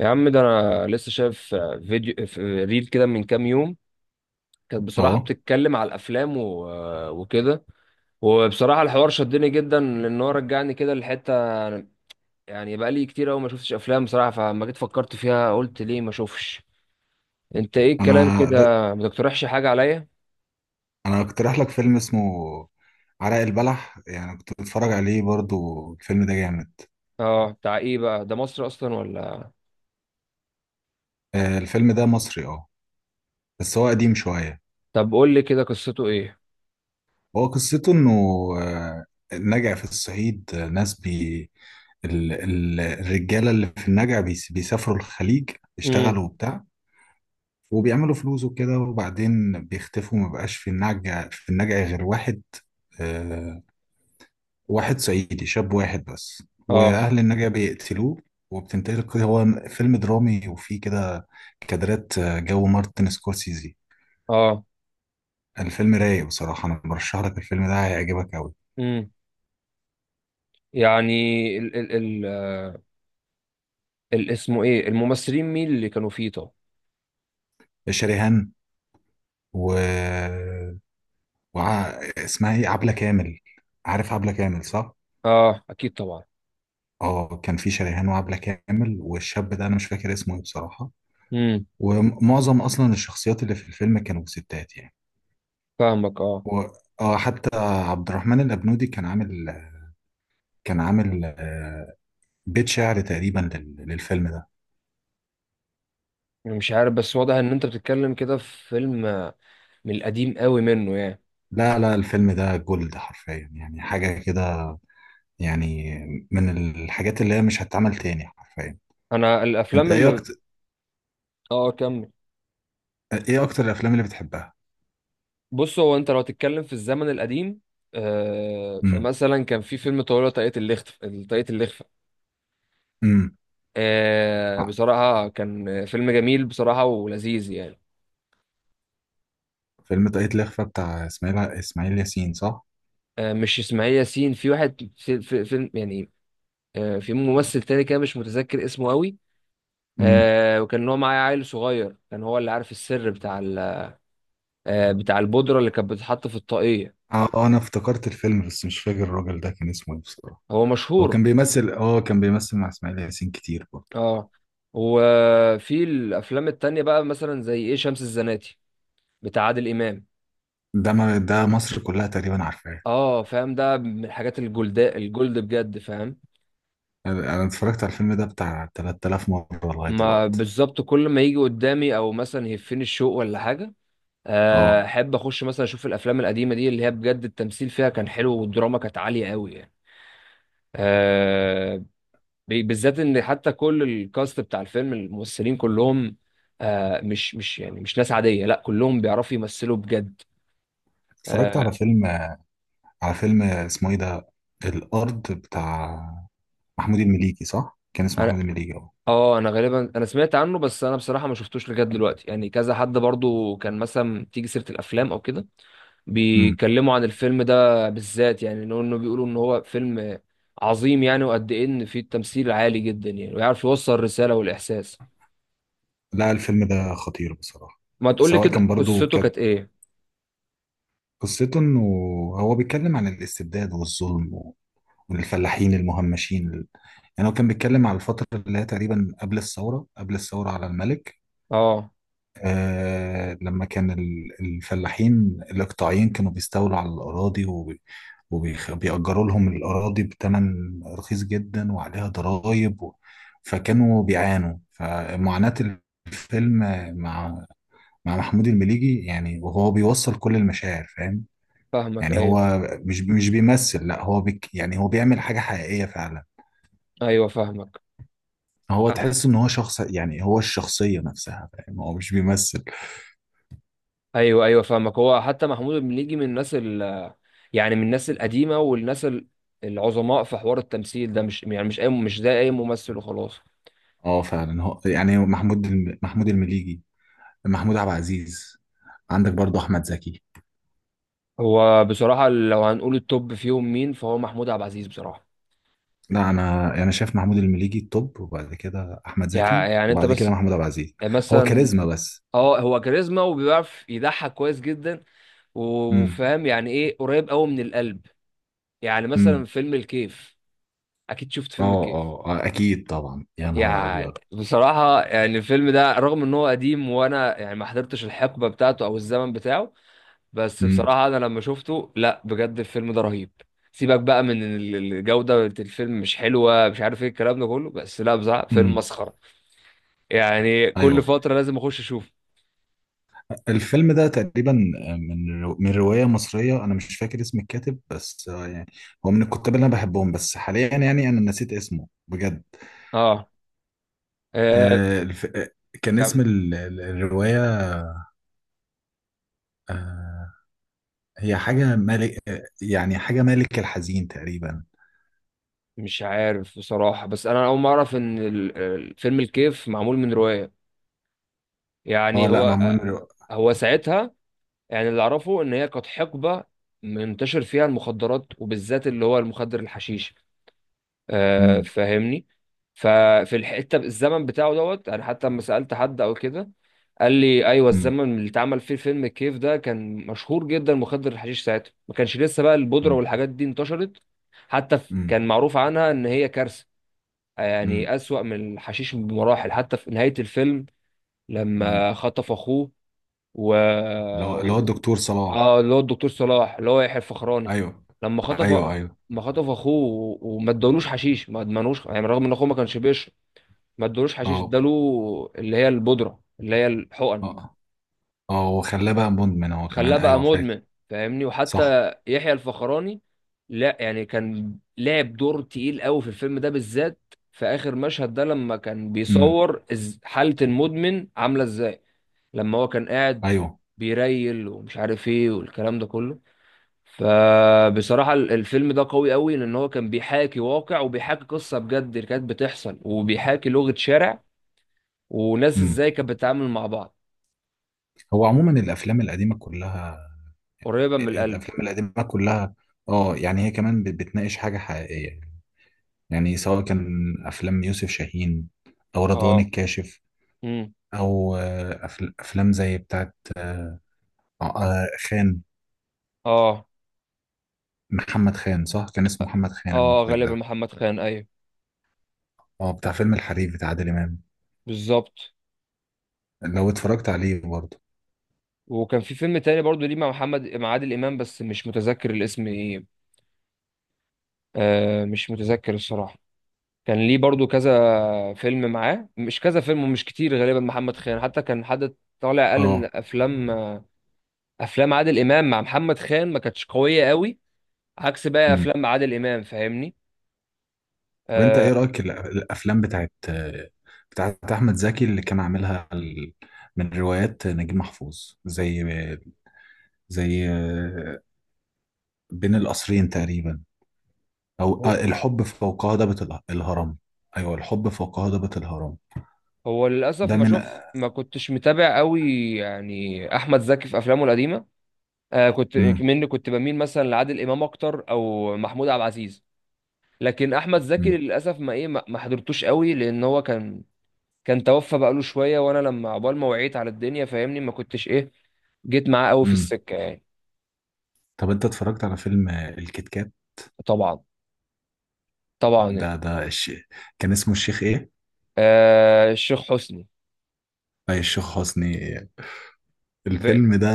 يا عم ده انا لسه شايف فيديو في ريل كده من كام يوم. كانت بصراحة اه، بتتكلم على الافلام وكده. وبصراحة الحوار شدني جدا لان هو رجعني كده لحتة، يعني بقالي كتير قوي ما شفتش افلام بصراحة. فلما جيت فكرت فيها قلت ليه ما اشوفش. انت ايه انا الكلام كده، د- ما تقترحش حاجة عليا. انا اقترح لك فيلم اسمه عرق البلح. يعني كنت بتفرج عليه برضو، الفيلم ده جامد. اه، بتاع ايه بقى ده؟ مصر اصلا ولا؟ الفيلم ده مصري، اه. بس هو قديم شوية. طب قول لي كده قصته ايه. هو قصته انه آه، النجع في الصعيد، ناس الرجالة اللي في النجع بيسافروا الخليج امم. يشتغلوا وبتاع، وبيعملوا فلوس وكده، وبعدين بيختفوا، مبقاش في النجع غير واحد، آه، واحد صعيدي شاب، واحد بس، اه. واهل النجا بيقتلوه. وبتنتقل، هو فيلم درامي وفيه كده كادرات جو مارتن سكورسيزي. اه. الفيلم رايق بصراحة، انا برشح لك الفيلم ده، هيعجبك قوي. امم. يعني ال ال ال اسمه ايه؟ الممثلين مين اللي كانوا فيه طب؟ شريهان و... وع... اسمها ايه، عبلة كامل. عارف عبلة كامل، صح؟ اه اكيد طبعا. اه، كان في شريهان وعبلة كامل، والشاب ده انا مش فاكر اسمه ايه بصراحة. امم. ومعظم اصلا الشخصيات اللي في الفيلم كانوا ستات يعني. فاهمك اه. و... اه، حتى عبد الرحمن الأبنودي كان عامل بيت شعر تقريبا للفيلم ده. أنا مش عارف بس واضح ان انت بتتكلم كده في فيلم من القديم قوي منه يعني. لا لا، الفيلم ده جولد حرفيا، يعني حاجة كده، يعني من الحاجات اللي هي مش هتتعمل تاني حرفيا. انا انت الافلام ايه اللي… اكتر اه، كمل. ايه اكتر الافلام اللي بتحبها؟ بص، هو انت لو هتتكلم في الزمن القديم، آه، امم. فمثلا كان في فيلم طويلة طريقة اللخف، طريقة اللخفة. امم. آه آه، بصراحة كان فيلم جميل بصراحة ولذيذ يعني. فيلم طاقية الإخفاء بتاع اسماعيل ياسين، صح. آه مش اسماعيل ياسين، في واحد في في فيلم يعني، آه في ممثل تاني كده مش متذكر اسمه قوي. امم. آه وكان هو معايا عيل صغير، كان هو اللي عارف السر بتاع آه بتاع البودرة اللي كانت بتتحط في الطاقية. اه، انا افتكرت الفيلم بس مش فاكر الراجل ده كان اسمه ايه بصراحة. هو هو مشهور. كان بيمثل مع اسماعيل ياسين كتير برضه. اه. وفي الافلام التانية بقى مثلا زي ايه، شمس الزناتي، بتاع عادل امام. ده ما ده مصر كلها تقريبا عارفاه. اه فاهم، ده من الحاجات الجلداء الجلد بجد، فاهم. انا اتفرجت على الفيلم ده بتاع 3000 مرة لغاية ما دلوقتي. بالظبط كل ما يجي قدامي او مثلا يهفني الشوق ولا حاجة، اه، احب اخش مثلا اشوف الافلام القديمة دي اللي هي بجد التمثيل فيها كان حلو والدراما كانت عالية قوي يعني. آه، بالذات ان حتى كل الكاست بتاع الفيلم، الممثلين كلهم، آه مش يعني مش ناس عاديه، لا كلهم بيعرفوا يمثلوا بجد. اتفرجت على آه. فيلم على فيلم اسمه ايه ده، الارض، بتاع محمود المليجي. صح، كان اسمه انا محمود المليجي، اه. اه انا غالبا انا سمعت عنه بس انا بصراحه ما شفتوش لغايه دلوقتي، يعني كذا حد برضو كان مثلا تيجي سيره الافلام او كده امم. بيتكلموا عن الفيلم ده بالذات، يعني انه بيقولوا ان هو فيلم عظيم يعني، وقد ايه ان فيه التمثيل عالي جدا يعني ويعرف يوصل الرساله والاحساس. لا، الفيلم ده خطير بصراحة. ما تقول لي سواء كان كده برضو قصته كانت كانت ايه. قصته انه هو بيتكلم عن الاستبداد والظلم، والفلاحين المهمشين. يعني هو كان بيتكلم على الفترة اللي هي تقريبا قبل الثورة، قبل الثورة على الملك. اه لما كان الفلاحين الإقطاعيين كانوا بيستولوا على الأراضي، وبيأجروا لهم الأراضي بثمن رخيص جدا وعليها ضرائب، فكانوا بيعانوا، فمعاناة الفيلم مع مع محمود المليجي، يعني وهو بيوصل كل المشاعر، فاهم؟ فاهمك، يعني ايوه. هو مش بيمثل، لا هو يعني هو بيعمل حاجة حقيقية فعلا. ايوه فاهمك. هو تحس ان هو شخص، يعني هو الشخصية نفسها، فاهم، هو مش بيمثل. ايوه ايوه فاهمك. هو حتى محمود المليجي من الناس ال، يعني من الناس القديمه والناس العظماء في حوار التمثيل ده، مش يعني مش اي، مش زي اي ممثل وخلاص. اه، فعلا، هو يعني هو محمود المليجي، محمود عبد العزيز. عندك برضه احمد زكي. هو بصراحه لو هنقول التوب فيهم مين فهو محمود عبد العزيز بصراحه. لا، انا يعني انا شايف محمود المليجي التوب، وبعد كده احمد زكي، يعني انت وبعد كده بس محمود عبد العزيز. هو مثلا. كاريزما بس. اه هو كاريزما وبيعرف يضحك كويس جدا، امم. وفاهم يعني ايه قريب قوي من القلب. يعني مثلا امم. فيلم الكيف. اكيد شفت اه، فيلم الكيف. اه، اكيد طبعا، يا نهار يعني ابيض. بصراحة يعني الفيلم ده رغم ان هو قديم وانا يعني ما حضرتش الحقبة بتاعته او الزمن بتاعه، بس امم. بصراحة انا لما شفته لا بجد الفيلم ده رهيب. سيبك بقى من إن الجودة بتاعت الفيلم مش حلوة، مش عارف ايه الكلام ده كله، بس لا بصراحة فيلم امم. مسخرة. يعني كل ايوه، فترة لازم اخش اشوفه. الفيلم ده تقريبا من روايه مصريه، انا مش فاكر اسم الكاتب بس، يعني هو من الكتاب اللي انا بحبهم، بس حاليا يعني انا نسيت اسمه بجد. اه. آه، آه الف... آه، كان اسم كم؟ الرواية، آه هي حاجة ملك، يعني حاجة ملك الحزين تقريبا. مش عارف بصراحة، بس انا اول مرة اعرف ان الفيلم الكيف معمول من رواية. اه، يعني لا، هو معمول آه،. هو ساعتها، يعني اللي اعرفه ان هي كانت حقبه منتشر فيها المخدرات، وبالذات اللي هو المخدر الحشيش، آه مم. فاهمني. ففي الحته الزمن بتاعه دوت، انا حتى لما سالت حد او كده قال لي ايوه، مم. الزمن اللي اتعمل فيه فيلم الكيف ده كان مشهور جدا مخدر الحشيش، ساعتها ما كانش لسه بقى البودره مم. والحاجات دي انتشرت. حتى مم. كان معروف عنها ان هي كارثه، مم. يعني اسوأ من الحشيش بمراحل. حتى في نهايه الفيلم مم. لما خطف اخوه و... اللي هو الدكتور صلاح. اه اللي هو الدكتور صلاح، اللي هو يحيى الفخراني. ايوه. لما ايوه، خطف، ايوه. ما خطف اخوه وما ادالوش حشيش، ما ادمنوش يعني رغم ان اخوه ما كانش بيشرب. ما ادالوش حشيش، اه، اداله اللي هي البودره اللي هي الحقن. اه، اه، وخلاه بقى مدمن هو خلاه كمان، بقى ايوه، فاكر. مدمن، فاهمني. صح. وحتى يحيى الفخراني لا يعني كان لعب دور تقيل قوي في الفيلم ده بالذات، في اخر مشهد ده لما كان امم. بيصور حاله المدمن عامله ازاي. لما هو كان قاعد ايوه. بيريل ومش عارف ايه والكلام ده كله. فبصراحة الفيلم ده قوي قوي، لأن هو كان بيحاكي واقع وبيحاكي قصة بجد اللي كانت بتحصل، وبيحاكي لغة شارع وناس امم. ازاي كانت بتتعامل مع بعض. هو عموما الافلام القديمة كلها قريبة من القلب. الافلام القديمة كلها اه، يعني هي كمان بتناقش حاجة حقيقية، يعني سواء كان افلام يوسف شاهين او رضوان اه. الكاشف، امم. او افلام زي بتاعت خان. اه. محمد خان، صح، كان اسمه محمد خان اه المخرج غالبا ده. محمد خان، ايوه. اه، بتاع فيلم الحريف بتاع عادل امام. بالظبط. لو اتفرجت عليه برضه. وكان في فيلم تاني برضو ليه مع محمد، مع عادل إمام، بس مش متذكر الاسم ايه. آه مش متذكر الصراحة. كان ليه برضو كذا فيلم معاه، مش كذا فيلم ومش كتير غالبا محمد خان. حتى كان حد طالع قال اه. ان افلام، افلام عادل امام مع محمد خان ما كانتش قويه قوي، عكس بقى امم. افلام عادل امام فاهمني. طب انت آه. ايه رايك الافلام بتاعت احمد زكي اللي كان عاملها من روايات نجيب محفوظ، زي زي آه، بين القصرين تقريبا، أو هو، الحب فوق هضبة الهرم. أيوه، الحب فوق هضبة الهرم. هو للاسف ده ما من. شوف ما كنتش متابع قوي. يعني احمد زكي في افلامه القديمه، آه كنت مم. مني كنت بميل مثلا لعادل امام اكتر او محمود عبد العزيز. لكن احمد زكي مم. للاسف ما ايه ما حضرتوش قوي، لان هو كان، كان توفى بقاله شويه. وانا لما عقبال ما وعيت على الدنيا فاهمني ما كنتش ايه جيت معاه قوي في مم. السكه يعني. طب أنت اتفرجت على فيلم الكيت كات؟ طبعا. طبعا يعني. ده ده الش... كان اسمه الشيخ إيه؟ آه الشيخ حسني. أي الشيخ حسني إيه؟ الفيلم ده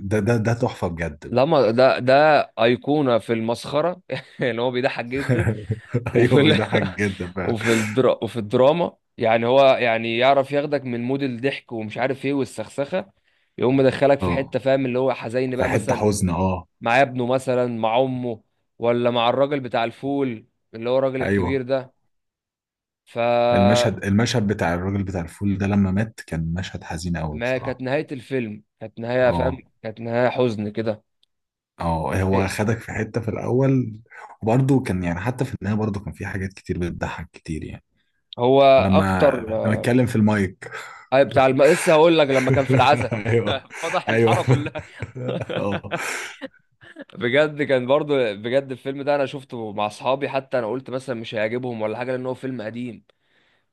ده ده ده تحفة بجد بقى. لما ده أيقونة في المسخرة يعني هو بيضحك جدا. وفي أيوه، ال... بيضحك جدا فعلا. وفي الدراما يعني، هو يعني يعرف ياخدك من مود الضحك ومش عارف ايه والسخسخة، يقوم مدخلك في أه، حتة فاهم اللي هو حزين في بقى. حتة مثلا حزن، أه. مع ابنه، مثلا مع أمه، ولا مع الراجل بتاع الفول اللي هو الراجل الكبير أيوه، ده. ف، المشهد بتاع الراجل بتاع الفول ده لما مات، كان مشهد حزين أوي ما كانت بصراحة. نهاية الفيلم كانت نهاية أه، فاهم، كانت نهاية حزن كده. اه، هو إيه،. خدك في حتة في الأول، وبرضه كان يعني حتى في النهاية برضه كان في حاجات كتير بتضحك كتير يعني، هو أكتر لما اتكلم في المايك. أي بتاع لسه هقول لك، لما كان في العزا ايوه، فضح ايوه، الحاره كلها. اه. بجد كان برضو بجد الفيلم ده انا شفته مع اصحابي، حتى انا قلت مثلا مش هيعجبهم ولا حاجه لان هو فيلم قديم،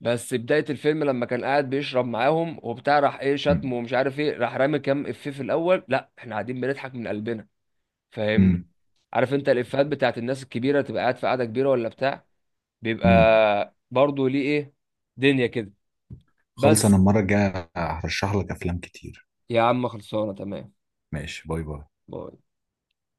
بس بدايه الفيلم لما كان قاعد بيشرب معاهم وبتاع راح ايه شتمه أمم. ومش عارف ايه، راح رامي كام افيه في الاول، لا احنا قاعدين بنضحك من قلبنا. فاهمني. أمم. عارف انت الافيهات بتاعت الناس الكبيره، تبقى قاعد في قاعده كبيره ولا بتاع أمم. بيبقى برضو ليه ايه دنيا كده. خلص، انا بس. المرة الجاية هرشح لك افلام كتير. يا عم خلصانه تمام. ماشي، باي باي.